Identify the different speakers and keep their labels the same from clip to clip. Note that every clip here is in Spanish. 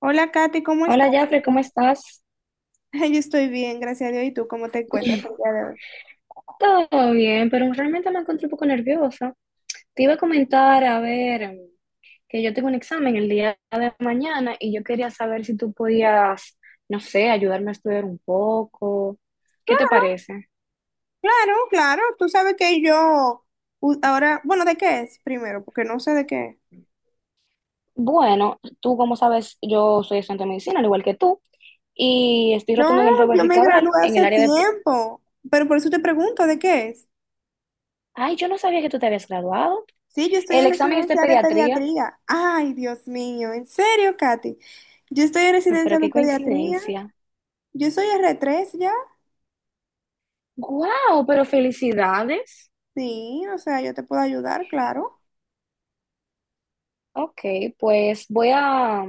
Speaker 1: Hola Katy, ¿cómo estás?
Speaker 2: Hola, Jafre, ¿cómo estás?
Speaker 1: Yo estoy bien, gracias a Dios. ¿Y tú cómo te encuentras el día de hoy?
Speaker 2: Todo bien, pero realmente me encuentro un poco nerviosa. Te iba a comentar, a ver, que yo tengo un examen el día de mañana y yo quería saber si tú podías, no sé, ayudarme a estudiar un poco. ¿Qué te
Speaker 1: Claro,
Speaker 2: parece?
Speaker 1: claro, claro. Tú sabes que yo ahora, bueno, ¿de qué es primero? Porque no sé de qué es.
Speaker 2: Bueno, tú como sabes, yo soy estudiante de medicina, al igual que tú, y estoy
Speaker 1: No,
Speaker 2: rotando en el Robert
Speaker 1: yo
Speaker 2: Rick
Speaker 1: me gradué
Speaker 2: Cabral, en el
Speaker 1: hace
Speaker 2: área de.
Speaker 1: tiempo, pero por eso te pregunto, ¿de qué es?
Speaker 2: Ay, yo no sabía que tú te habías graduado.
Speaker 1: Sí, yo estoy
Speaker 2: El
Speaker 1: en
Speaker 2: examen es de
Speaker 1: residencia de
Speaker 2: pediatría.
Speaker 1: pediatría. Ay, Dios mío, ¿en serio, Katy? Yo estoy en
Speaker 2: No, pero
Speaker 1: residencia de
Speaker 2: qué
Speaker 1: pediatría.
Speaker 2: coincidencia.
Speaker 1: Yo soy r tres, ya.
Speaker 2: ¡Guau! Pero felicidades.
Speaker 1: Sí, o sea, yo te puedo ayudar, claro.
Speaker 2: Ok, pues voy a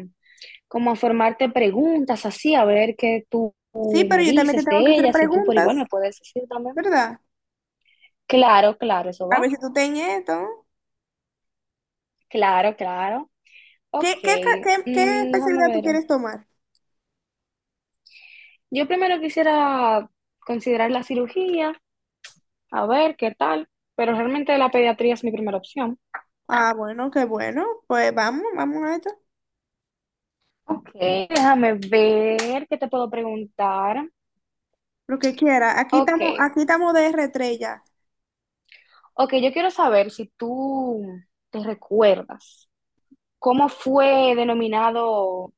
Speaker 2: como a formarte preguntas así, a ver qué tú
Speaker 1: Sí, pero
Speaker 2: me
Speaker 1: yo también te
Speaker 2: dices
Speaker 1: tengo que
Speaker 2: de
Speaker 1: hacer
Speaker 2: ellas y tú por igual
Speaker 1: preguntas,
Speaker 2: me puedes decir también.
Speaker 1: ¿verdad?
Speaker 2: Claro, claro, eso
Speaker 1: A ver
Speaker 2: va.
Speaker 1: si tú ten esto.
Speaker 2: Claro, claro. Ok,
Speaker 1: ¿Qué
Speaker 2: déjame
Speaker 1: especialidad tú
Speaker 2: ver.
Speaker 1: quieres tomar?
Speaker 2: Yo primero quisiera considerar la cirugía, a ver qué tal, pero realmente la pediatría es mi primera opción.
Speaker 1: Ah, bueno, qué bueno. Pues vamos, vamos a esto.
Speaker 2: Ok, déjame ver qué te puedo preguntar.
Speaker 1: Lo que quiera.
Speaker 2: Ok,
Speaker 1: Aquí estamos de r tres ya.
Speaker 2: ok, yo quiero saber si tú te recuerdas. ¿Cómo fue denominado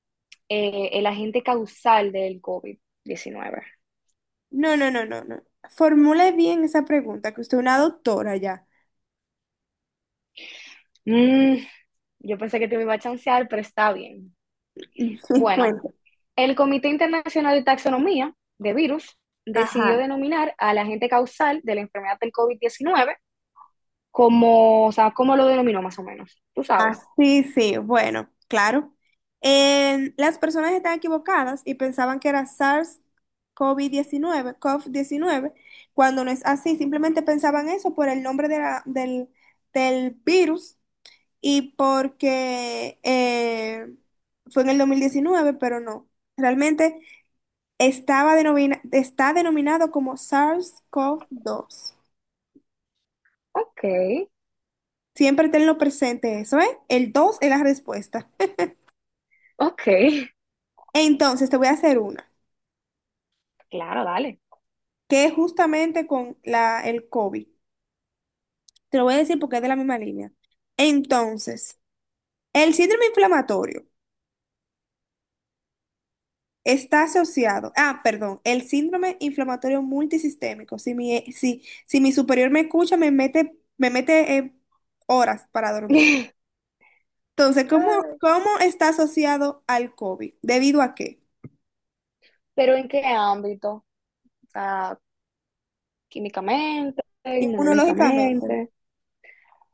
Speaker 2: el agente causal del COVID-19?
Speaker 1: No, no, no, no, no. Formule bien esa pregunta, que usted es una doctora ya.
Speaker 2: Mm, yo pensé que te me iba a chancear, pero está bien. Bueno,
Speaker 1: Cuenta.
Speaker 2: el Comité Internacional de Taxonomía de Virus decidió
Speaker 1: Ajá.
Speaker 2: denominar al agente causal de la enfermedad del COVID-19 como, o sea, ¿cómo lo denominó más o menos? Tú sabes.
Speaker 1: Sí, sí, bueno, claro. Las personas están equivocadas y pensaban que era SARS-CoV-19, CoV-19, cuando no es así, simplemente pensaban eso por el nombre de del, del virus y porque fue en el 2019, pero no. Realmente está denominado como SARS-CoV-2.
Speaker 2: Ok,
Speaker 1: Siempre tenlo presente eso, ¿eh? El 2 es la respuesta.
Speaker 2: ok,
Speaker 1: Entonces, te voy a hacer una
Speaker 2: claro, dale.
Speaker 1: que es justamente con la, el COVID. Te lo voy a decir porque es de la misma línea. Entonces, el síndrome inflamatorio está asociado, ah, perdón, el síndrome inflamatorio multisistémico. Si mi, si, si mi superior me escucha, me mete horas para dormir. Entonces, ¿cómo está asociado al COVID? ¿Debido a qué?
Speaker 2: Pero ¿en qué ámbito? O sea, químicamente,
Speaker 1: Inmunológicamente.
Speaker 2: inmunológicamente.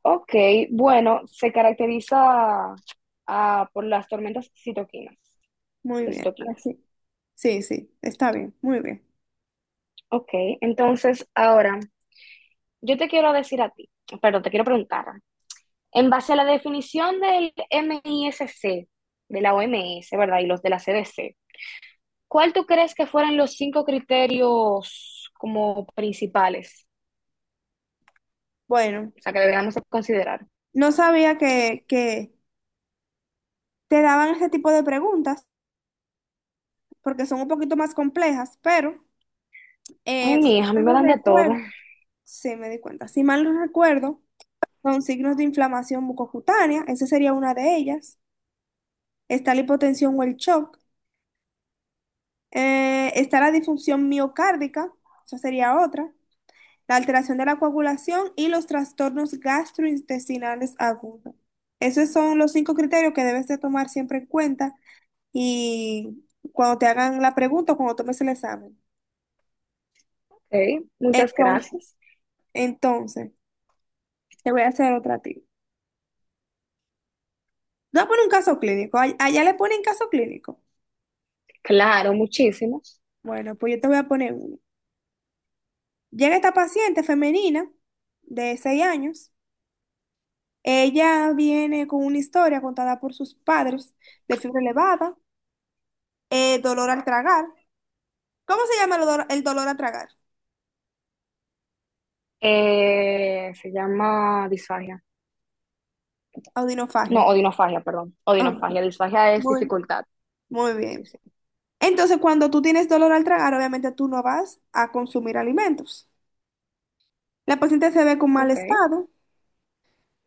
Speaker 2: Ok, bueno, se caracteriza por las tormentas
Speaker 1: Muy
Speaker 2: de
Speaker 1: bien,
Speaker 2: citoquinas.
Speaker 1: así. Sí, sí, sí, está bien, muy bien.
Speaker 2: Ok, entonces ahora yo te quiero decir a ti, perdón, te quiero preguntar, en base a la definición del MISC, de la OMS, ¿verdad? Y los de la CDC, ¿cuál tú crees que fueran los cinco criterios como principales?
Speaker 1: Bueno,
Speaker 2: O sea, que deberíamos considerar.
Speaker 1: no sabía que te daban ese tipo de preguntas porque son un poquito más complejas, pero
Speaker 2: Ay,
Speaker 1: si
Speaker 2: mija, a mí
Speaker 1: mal
Speaker 2: me
Speaker 1: no
Speaker 2: dan de todo.
Speaker 1: recuerdo, sí me di cuenta, si mal no recuerdo, son signos de inflamación mucocutánea, esa sería una de ellas, está la hipotensión o el shock, está la disfunción miocárdica, esa sería otra, la alteración de la coagulación y los trastornos gastrointestinales agudos. Esos son los cinco criterios que debes de tomar siempre en cuenta y cuando te hagan la pregunta o cuando tomes el examen.
Speaker 2: Ok, muchas
Speaker 1: Entonces,
Speaker 2: gracias.
Speaker 1: entonces, te voy a hacer otra a ti. Te voy a poner un caso clínico. Allá le ponen caso clínico.
Speaker 2: Claro, muchísimas.
Speaker 1: Bueno, pues yo te voy a poner uno. Llega esta paciente femenina de 6 años. Ella viene con una historia contada por sus padres de fiebre elevada, dolor al tragar. ¿Cómo se llama el dolor al tragar?
Speaker 2: Se llama disfagia.
Speaker 1: Audinofagia.
Speaker 2: No, odinofagia, perdón.
Speaker 1: Ok,
Speaker 2: Odinofagia. Disfagia es
Speaker 1: muy,
Speaker 2: dificultad.
Speaker 1: muy
Speaker 2: Sí,
Speaker 1: bien.
Speaker 2: sí.
Speaker 1: Entonces, cuando tú tienes dolor al tragar, obviamente tú no vas a consumir alimentos. La paciente se ve con mal
Speaker 2: Ok,
Speaker 1: estado.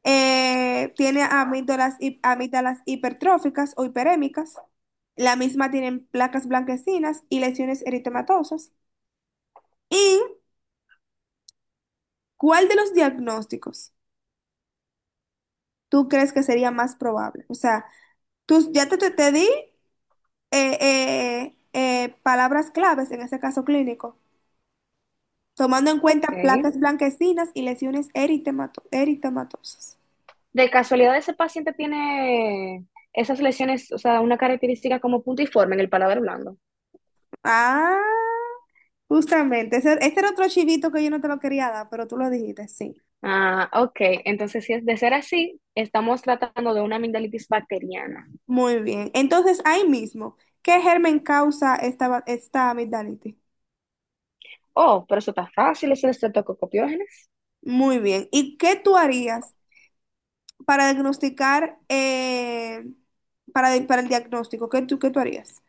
Speaker 1: Tiene amígdalas, amígdalas hipertróficas o hiperémicas. La misma tienen placas blanquecinas y lesiones eritematosas. ¿Y cuál de los diagnósticos tú crees que sería más probable? O sea, tú ya te di palabras claves en ese caso clínico, tomando en
Speaker 2: ok.
Speaker 1: cuenta placas blanquecinas y lesiones eritematosas.
Speaker 2: De casualidad, ese paciente tiene esas lesiones, o sea, una característica como puntiforme en el paladar blando.
Speaker 1: Ah, justamente. Ese, este era otro chivito que yo no te lo quería dar, pero tú lo dijiste, sí.
Speaker 2: Ah, ok. Entonces, si es de ser así, estamos tratando de una amigdalitis bacteriana.
Speaker 1: Muy bien. Entonces, ahí mismo, ¿qué germen causa esta amigdalitis?
Speaker 2: Oh, pero eso está fácil, es el estreptococcus pyogenes.
Speaker 1: Muy bien. ¿Y qué tú harías para diagnosticar, para, para el diagnóstico? ¿Qué tú harías?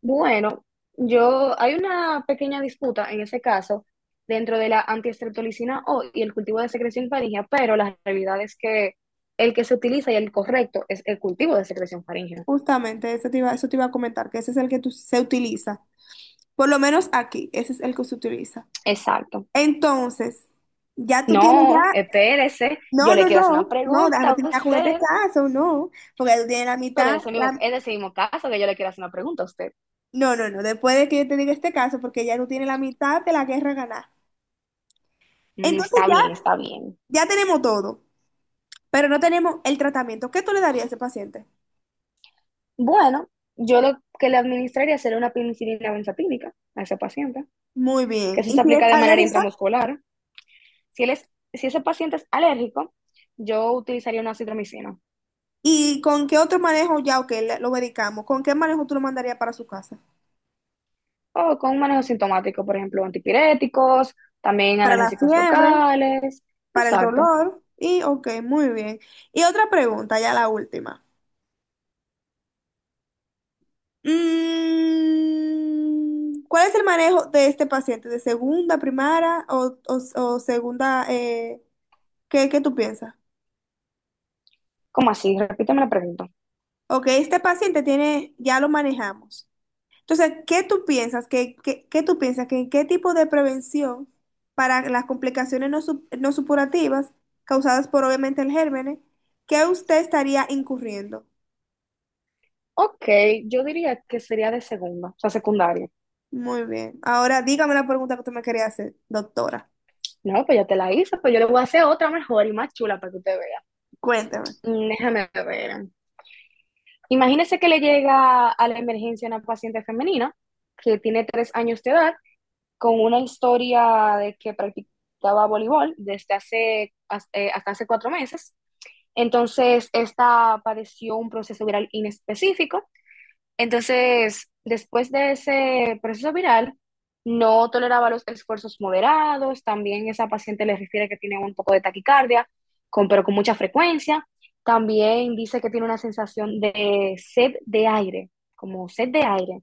Speaker 2: Bueno, yo hay una pequeña disputa en ese caso dentro de la antiestreptolicina O y el cultivo de secreción faríngea, pero la realidad es que el que se utiliza y el correcto es el cultivo de secreción faríngea.
Speaker 1: Justamente, eso te iba a comentar, que ese es el que se utiliza. Por lo menos aquí, ese es el que se utiliza.
Speaker 2: Exacto.
Speaker 1: Entonces, ya tú tienes
Speaker 2: No,
Speaker 1: ya...
Speaker 2: espérese, yo
Speaker 1: No, no,
Speaker 2: le quiero hacer una
Speaker 1: no, no, déjame
Speaker 2: pregunta a
Speaker 1: terminar con este
Speaker 2: usted,
Speaker 1: caso, no, porque tú tienes la
Speaker 2: pero
Speaker 1: mitad.
Speaker 2: es ese mismo caso que yo le quiero hacer una pregunta a usted.
Speaker 1: No, no, no, después de que yo te diga este caso, porque ya tú tienes la mitad de la guerra ganada. Entonces
Speaker 2: Está
Speaker 1: ya,
Speaker 2: bien, está bien.
Speaker 1: ya tenemos todo, pero no tenemos el tratamiento. ¿Qué tú le darías a ese paciente?
Speaker 2: Bueno, yo lo que le administraría sería una penicilina benzatínica a ese paciente,
Speaker 1: Muy
Speaker 2: que
Speaker 1: bien.
Speaker 2: eso
Speaker 1: ¿Y
Speaker 2: se
Speaker 1: si es
Speaker 2: aplica de manera
Speaker 1: alérgica?
Speaker 2: intramuscular. Si ese paciente es alérgico, yo utilizaría una citromicina
Speaker 1: ¿Y con qué otro manejo ya, ok, lo medicamos? ¿Con qué manejo tú lo mandarías para su casa?
Speaker 2: o con un manejo sintomático, por ejemplo, antipiréticos, también
Speaker 1: Para la
Speaker 2: analgésicos
Speaker 1: fiebre,
Speaker 2: locales.
Speaker 1: para el
Speaker 2: Exacto.
Speaker 1: dolor. Y, ok, muy bien. Y otra pregunta, ya la última. Mm, ¿cuál es el manejo de este paciente? ¿De segunda, primaria o, o segunda? ¿Qué, qué tú piensas?
Speaker 2: ¿Cómo así? Repíteme la pregunta.
Speaker 1: Ok, este paciente tiene, ya lo manejamos. Entonces, ¿qué tú piensas? ¿Qué tú piensas? ¿Qué, qué tipo de prevención para las complicaciones no supurativas causadas por obviamente el gérmenes, que usted estaría incurriendo?
Speaker 2: Ok, yo diría que sería de segunda, o sea, secundaria.
Speaker 1: Muy bien. Ahora dígame la pregunta que usted me quería hacer, doctora.
Speaker 2: No, pues ya te la hice, pues yo le voy a hacer otra mejor y más chula para que usted vea.
Speaker 1: Cuénteme.
Speaker 2: Déjame ver. Imagínese que le llega a la emergencia una paciente femenina que tiene 3 años de edad con una historia de que practicaba voleibol hasta hace 4 meses. Entonces, esta padeció un proceso viral inespecífico. Entonces, después de ese proceso viral, no toleraba los esfuerzos moderados. También esa paciente le refiere que tiene un poco de taquicardia, pero con mucha frecuencia. También dice que tiene una sensación de sed de aire, como sed de aire.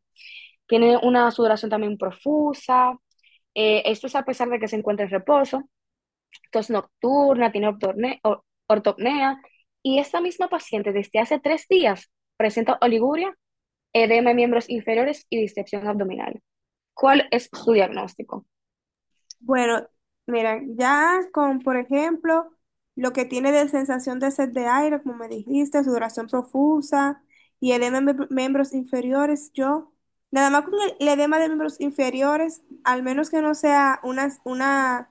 Speaker 2: Tiene una sudoración también profusa, esto es a pesar de que se encuentra en reposo, tos nocturna, tiene ortopnea y esta misma paciente desde hace 3 días presenta oliguria, edema en miembros inferiores y distensión abdominal. ¿Cuál es su diagnóstico?
Speaker 1: Bueno, mira, ya con, por ejemplo, lo que tiene de sensación de sed de aire, como me dijiste, sudoración profusa y edema en miembros inferiores, yo, nada más con el edema de miembros inferiores, al menos que no sea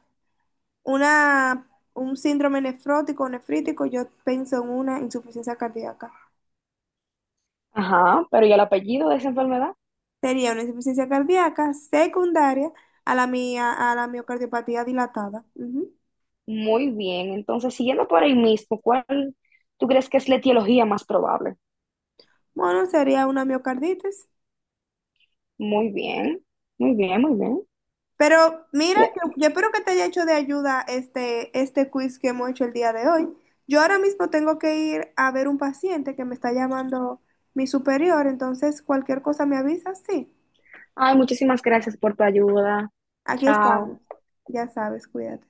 Speaker 1: una, un síndrome nefrótico o nefrítico, yo pienso en una insuficiencia cardíaca.
Speaker 2: Ajá, pero ¿y el apellido de esa enfermedad?
Speaker 1: Sería una insuficiencia cardíaca secundaria a a la miocardiopatía dilatada. Ujú.
Speaker 2: Muy bien, entonces siguiendo por ahí mismo, ¿cuál tú crees que es la etiología más probable?
Speaker 1: Bueno, sería una miocarditis.
Speaker 2: Muy bien, muy bien, muy bien.
Speaker 1: Pero mira, que
Speaker 2: Bien.
Speaker 1: yo espero que te haya hecho de ayuda este, este quiz que hemos hecho el día de hoy. Yo ahora mismo tengo que ir a ver un paciente que me está llamando mi superior, entonces cualquier cosa me avisas, sí.
Speaker 2: Ay, muchísimas gracias por tu ayuda.
Speaker 1: Aquí
Speaker 2: Chao.
Speaker 1: estamos. Ya sabes, cuídate.